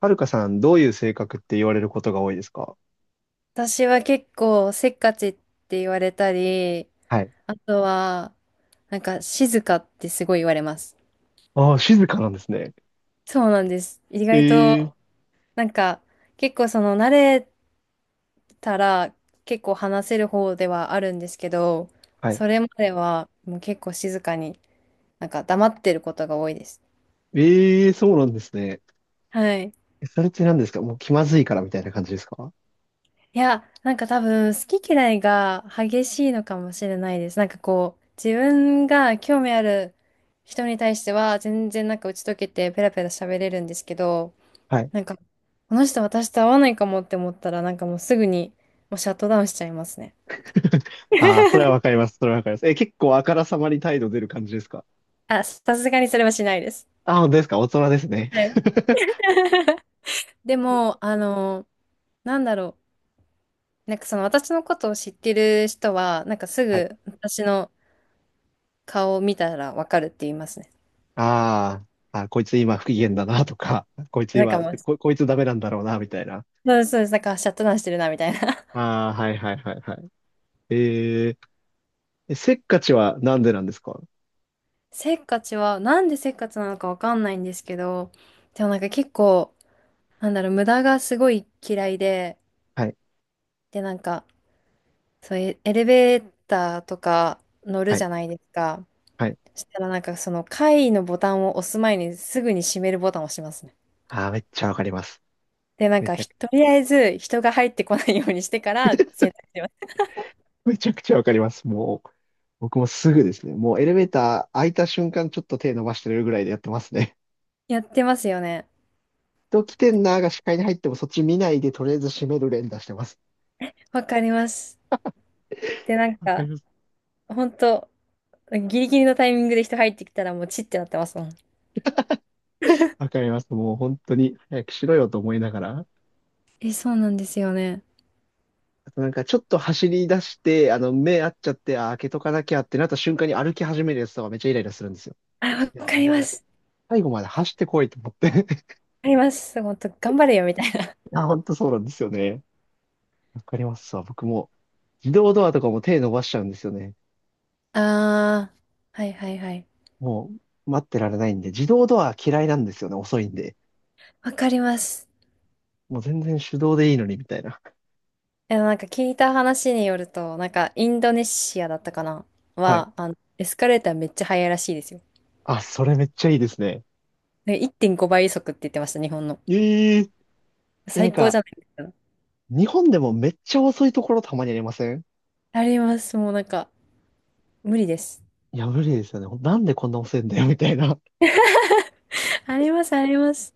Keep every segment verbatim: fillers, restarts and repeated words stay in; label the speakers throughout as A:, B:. A: はるかさん、どういう性格って言われることが多いですか？
B: 私は結構せっかちって言われたり、
A: はい。
B: あとは、なんか静かってすごい言われます。
A: ああ、静かなんですね。
B: そうなんです。意
A: え
B: 外
A: え。
B: と、なんか結構その慣れたら結構話せる方ではあるんですけど、
A: はい。
B: それまではもう結構静かに、なんか黙ってることが多いです。
A: ええ、そうなんですね。
B: はい。
A: え、それって何ですか？もう気まずいからみたいな感じですか？
B: いや、なんか多分好き嫌いが激しいのかもしれないです。なんかこう、自分が興味ある人に対しては全然なんか打ち解けてペラペラ喋れるんですけど、
A: はい。
B: なんかこの人私と合わないかもって思ったらなんかもうすぐにもうシャットダウンしちゃいますね。
A: ああ、それはわかります。それはわかります。え、結構あからさまに態度出る感じですか？
B: あ、さすがにそれはしないです。
A: ああ、本当ですか？大人ですね。
B: はい。でも、あの、なんだろう。なんかその私のことを知ってる人は、なんかす
A: はい。
B: ぐ私の顔を見たらわかるって言いますね。
A: ああ、あ、こいつ今不機嫌だなとか、こいつ
B: なんか
A: 今、
B: もう
A: こ、こいつダメなんだろうな、みたいな。
B: そうです、そうです。だからシャットダウンしてるな、みたいな。
A: ああ、はいはいはいはい。えええせっかちはなんでなんですか？
B: せっかちは、なんでせっかちなのかわかんないんですけど、でもなんか結構、なんだろう、無駄がすごい嫌いで、
A: はい
B: で、なんか、そういうエレベーターとか乗る
A: は
B: じ
A: い。
B: ゃないですか。
A: はい。
B: そしたらなんかその階のボタンを押す前にすぐに閉めるボタンを押しますね。
A: ああ、めっちゃわかります。
B: で、なん
A: め
B: か
A: ちゃ
B: ひ、
A: く、
B: とりあえず人が入ってこないようにしてから選択します。
A: めちゃくちゃわかります。もう、僕もすぐですね。もうエレベーター開いた瞬間ちょっと手伸ばしてるぐらいでやってますね。
B: やってますよね。
A: 人来てんなーが視界に入ってもそっち見ないでとりあえず閉める連打してます。
B: わかります。で、なん
A: わか
B: か、
A: ります。
B: 本当ギリギリのタイミングで人入ってきたらもうチッてなってますもん。
A: わかります。もう本当に早くしろよと思いながら。
B: え、そうなんですよね。
A: あとなんかちょっと走り出して、あの目合っちゃって、あー、開けとかなきゃってなった瞬間に歩き始めるやつとかめっちゃイライラするんですよ。
B: あ、
A: い
B: わ
A: や、
B: か
A: お
B: りま
A: 前、
B: す。
A: 最後まで走ってこいと思って。
B: わかります。もっと、頑張れよ、みたいな。
A: いや、本当そうなんですよね。わかりますわ。僕も自動ドアとかも手伸ばしちゃうんですよね。
B: あー、はいはいはい。
A: もう待ってられないんで、自動ドア嫌いなんですよね。遅いんで。
B: わかります。
A: もう全然手動でいいのにみたいな。
B: え、なんか聞いた話によると、なんかインドネシアだったかな
A: はい。
B: は、あの、エスカレーターめっちゃ速いらしいですよ。
A: あ、それめっちゃいいですね。
B: なんかいってんごばい速って言ってました、日本の。
A: えええ、な
B: 最
A: ん
B: 高
A: か、
B: じゃないですか。
A: 日本でもめっちゃ遅いところたまにありません
B: あります。もうなんか、無理です。
A: いや、無理ですよね。なんでこんな遅いんだよ、みたいな。
B: あります、あります。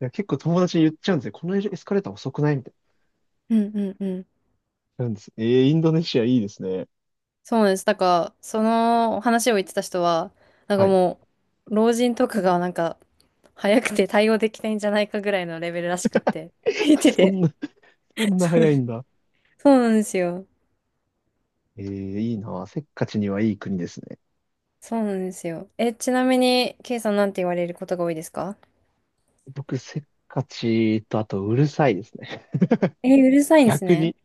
A: いや、結構友達に言っちゃうんですよ。このエスカレーター遅くない？みたい
B: うんうんうん。
A: な。なんです。えーインドネシアいいですね。
B: そうなんです。なんか、その話を言ってた人は、なんか
A: はい。
B: もう、老人とかがなんか、早くて対応できないんじゃないかぐらいのレベルらしくって。言って
A: そん
B: て。
A: な、そんな
B: そう。
A: 早いんだ。
B: そうなんですよ。
A: ええ、いいな。せっかちにはいい国ですね。
B: そうなんですよ。え、ちなみに、ケイさんなんて言われることが多いですか？
A: 僕、せっかちと、あと、うるさいですね。
B: え、うるさいんです
A: 逆
B: ね。
A: に、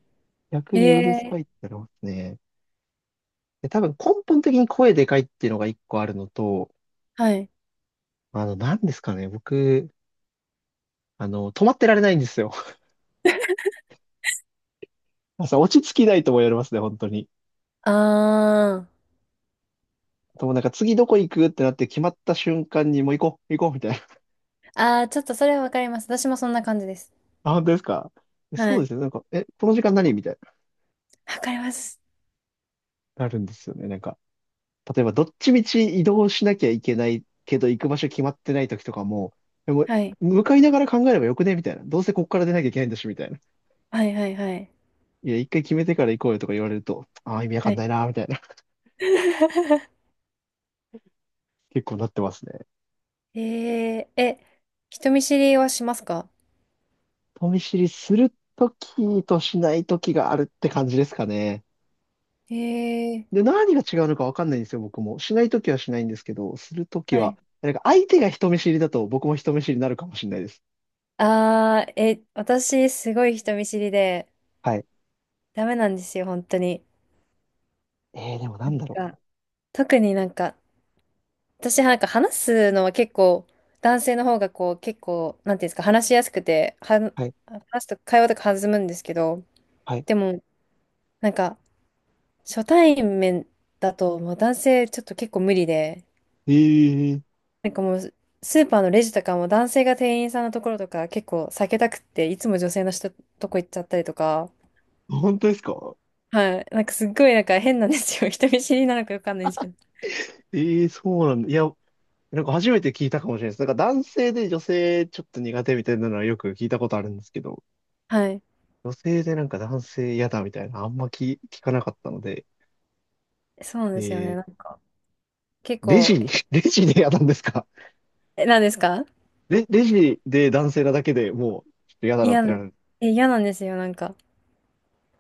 A: 逆
B: え
A: にうる
B: え、
A: さいってなりますね。で、多分根本的に声でかいっていうのが一個あるのと、
B: はい。
A: あの、何ですかね、僕、あの、止まってられないんですよ。朝落ち着きないとも言われますね、本当に。
B: あー。
A: でもなんか次どこ行くってなって決まった瞬間にもう行こう、行こうみたいな。
B: あー、ちょっとそれはわかります。私もそんな感じです。
A: あ、本当ですか？そ
B: は
A: うで
B: い。
A: すね、なんか、え、この時間何みたいな。
B: わかります。
A: なるんですよね、なんか。例えばどっちみち移動しなきゃいけないけど行く場所決まってない時とかも、でも
B: はい。
A: 向かいながら考えればよくねみたいな。どうせここから出なきゃいけないんだし、みたいな。
B: はいはいはい。
A: いや、一回決めてから行こうよとか言われると、ああ、意味わか
B: は
A: んな
B: い。
A: いな、みたいな。結構なってますね。
B: えー、え、人見知りはしますか？
A: 人見知りするときとしないときがあるって感じですかね。
B: え
A: で、
B: ー、
A: 何が違うのかわかんないんですよ、僕も。しないときはしないんですけど、するとき
B: は
A: は、
B: い。
A: なんか相手が人見知りだと僕も人見知りになるかもしれないです。
B: あー、え、私、すごい人見知りで、
A: はい。
B: ダメなんですよ、本当に。
A: えー、でも、な
B: な
A: ん
B: ん
A: だろ
B: か、特になんか、私なんか話すのは結構、男性の方がこう、結構、なんていうんですか、話しやすくて、はん、
A: う。はい。
B: 話すと会話とか弾むんですけど、
A: はい。
B: でも、なんか、初対面だと、もう男性ちょっと結構無理で、
A: えー、
B: なんかもう、スーパーのレジとかも男性が店員さんのところとか結構避けたくって、いつも女性の人とこ行っちゃったりとか、
A: 本当ですか？
B: はい。なんかすっごいなんか変なんですよ。人見知りなのかよくわかんないんですけど。
A: ええ、そうなんだ。いや、なんか初めて聞いたかもしれないです。なんか男性で女性ちょっと苦手みたいなのはよく聞いたことあるんですけど、
B: はい。
A: 女性でなんか男性嫌だみたいな、あんま聞、聞かなかったので、
B: そうなん
A: え
B: ですよね。な
A: ー、
B: んか、結
A: レ
B: 構、
A: ジ、レジで嫌なんですか？
B: え、なんですか？
A: レ、レジで男性なだけでもう、ちょっと嫌だなっ
B: 嫌
A: てな
B: な、
A: る。
B: え、嫌なんですよ。なんか、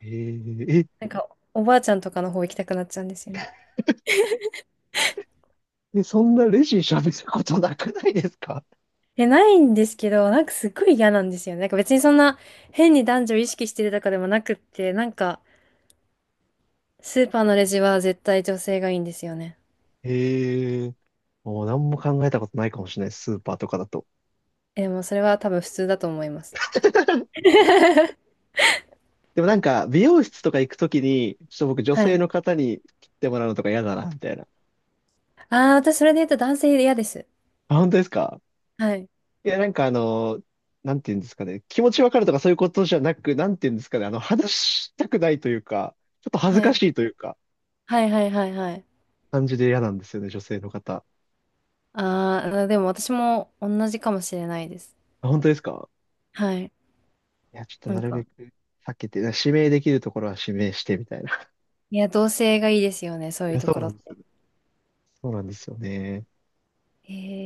A: えー、
B: なんか、おばあちゃんとかの方行きたくなっちゃうんですよね。
A: え、え、そんなレジ喋ることなくないですか？
B: え、ないんですけど、なんかすっごい嫌なんですよね。なんか別にそんな変に男女意識してるとかでもなくって、なんか、スーパーのレジは絶対女性がいいんですよね。
A: えー、もう何も考えたことないかもしれない、スーパーとかだと。
B: え、もうそれは多分普通だと思います。
A: でもなんか、美容室とか行くときに、ちょっと僕女
B: は
A: 性
B: い。
A: の方に切ってもらうのとか嫌だな、みたいな。
B: ああ、私それで言うと男性嫌です。
A: あ、本当ですか？
B: はい。
A: いや、なんかあの、なんて言うんですかね。気持ちわかるとかそういうことじゃなく、なんて言うんですかね。あの、話したくないというか、ちょっと恥ず
B: は
A: か
B: い。
A: しいというか、
B: はいはいはいはい。
A: 感じで嫌なんですよね、女性の方。
B: ああ、でも私も同じかもしれないです。
A: あ、本当ですか？
B: はい。
A: いや、ちょっと
B: な
A: な
B: ん
A: るべ
B: か、
A: く避けて、指名できるところは指名してみたいな。い
B: いや、同性がいいですよね、そういう
A: や、
B: と
A: そう
B: こ
A: な
B: ろ
A: ん
B: っ
A: ですよ
B: て。
A: ね。そうなんですよね。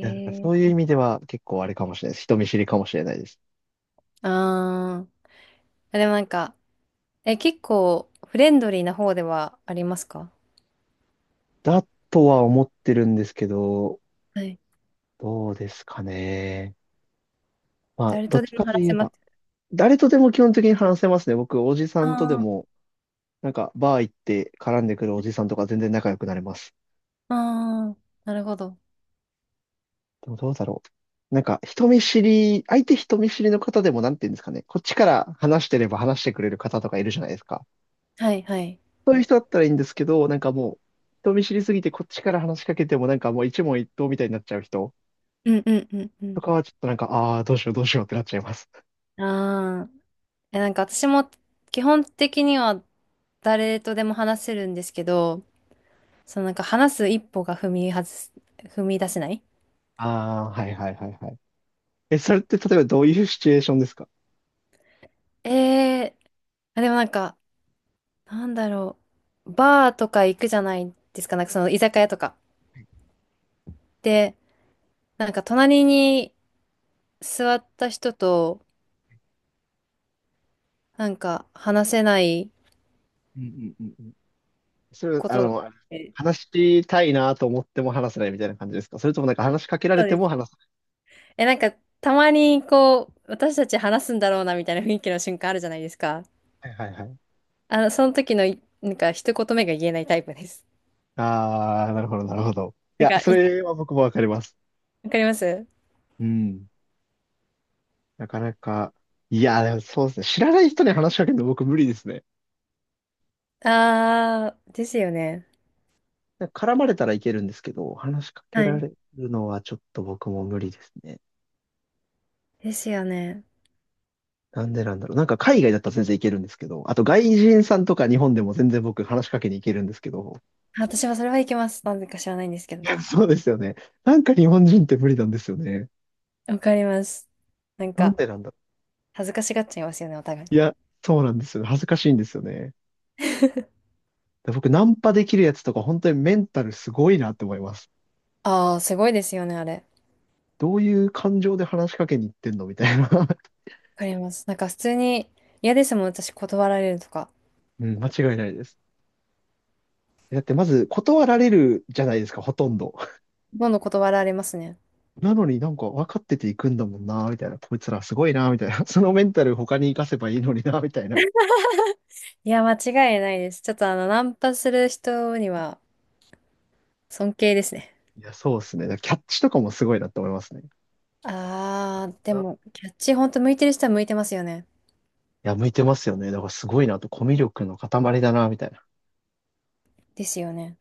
A: いや、なんかそういう
B: え。
A: 意味では結構あれかもしれないです。人見知りかもしれないです。
B: ああ、でもなんか、え、結構フレンドリーな方ではありますか？
A: だとは思ってるんですけど、
B: はい。
A: どうですかね。まあ、
B: 誰
A: どっ
B: とで
A: ちか
B: も
A: とい
B: 話
A: え
B: せます。
A: ば、誰とでも基本的に話せますね。僕、おじさんとで
B: あ
A: も、なんか、バー行って絡んでくるおじさんとか全然仲良くなれます。
B: あ、ああ、なるほど。
A: でもどうだろう。なんか、人見知り、相手人見知りの方でも、なんて言うんですかね。こっちから話してれば話してくれる方とかいるじゃないですか。
B: はいはい。
A: そういう人だったらいいんですけど、なんかもう、人見知りすぎてこっちから話しかけても、なんかもう一問一答みたいになっちゃう人
B: うんうんうんう
A: と
B: ん。
A: かは、ちょっとなんか、ああ、どうしようどうしようってなっちゃいます。
B: ああ。え、なんか私も基本的には誰とでも話せるんですけど、そのなんか話す一歩が踏み外す、踏み出せない。
A: ああ、はいはいはいはい。え、それって例えばどういうシチュエーションですか？
B: ええー、あ、でもなんか、なんだろう、バーとか行くじゃないですか、なんかその居酒屋とか。で、なんか隣に座った人と、なんか話せない
A: うんうんうんうん。それは、
B: こ
A: あ
B: とがあっ
A: の、
B: て、
A: 話したいなと思っても話せないみたいな感じですか？それともなんか話しかけられ
B: そう
A: て
B: で
A: も
B: す。
A: 話せ
B: え、なんかたまにこう、私たち話すんだろうなみたいな雰囲気の瞬間あるじゃないですか。
A: はいはいはい。ない。
B: あの、その時のい、なんか、一言目が言えないタイプです。
A: あー、なるほど、なるほど。い
B: なん
A: や、
B: か、
A: そ
B: い、
A: れは僕もわかります。
B: わかります？
A: うん。なかなか、いや、でもそうですね。知らない人に話しかけるの僕無理ですね。
B: あー、ですよね。
A: なんか絡まれたらいけるんですけど、話しかけ
B: は
A: ら
B: い。
A: れるのはちょっと僕も無理ですね。
B: ですよね。
A: なんでなんだろう。なんか海外だったら全然いけるんですけど、あと外人さんとか日本でも全然僕話しかけに行けるんですけど、
B: あ、私はそれはいけます。なんでか知らないんですけ
A: い
B: ど。
A: や、そうですよね。なんか日本人って無理なんですよね。
B: わかります。なん
A: なん
B: か、
A: でなんだ
B: 恥ずかしがっちゃいますよね、お互い。
A: いや、そうなんですよね。恥ずかしいんですよね。だ僕、ナンパできるやつとか、本当にメンタルすごいなって思います。
B: あー、すごいですよね、あれ。わ
A: どういう感情で話しかけに行ってんのみたいな。
B: かります。なんか、普通に、嫌ですもん、私、断られるとか。
A: うん、間違いないです。だってまず断られるじゃないですか、ほとんど。
B: どんどん断られますね。
A: なのになんか分かってていくんだもんな、みたいな。こいつらすごいな、みたいな。そのメンタル他に活かせばいいのにな、みたいな。
B: いや、間違いないです。ちょっと、あの、ナンパする人には、尊敬ですね。
A: いや、そうですね。だからキャッチとかもすごいなって思いますね。
B: あー、でも、キャッチ、ほんと向いてる人は向いてますよね。
A: いや、向いてますよね。だからすごいなと、コミュ力の塊だな、みたいな。
B: ですよね。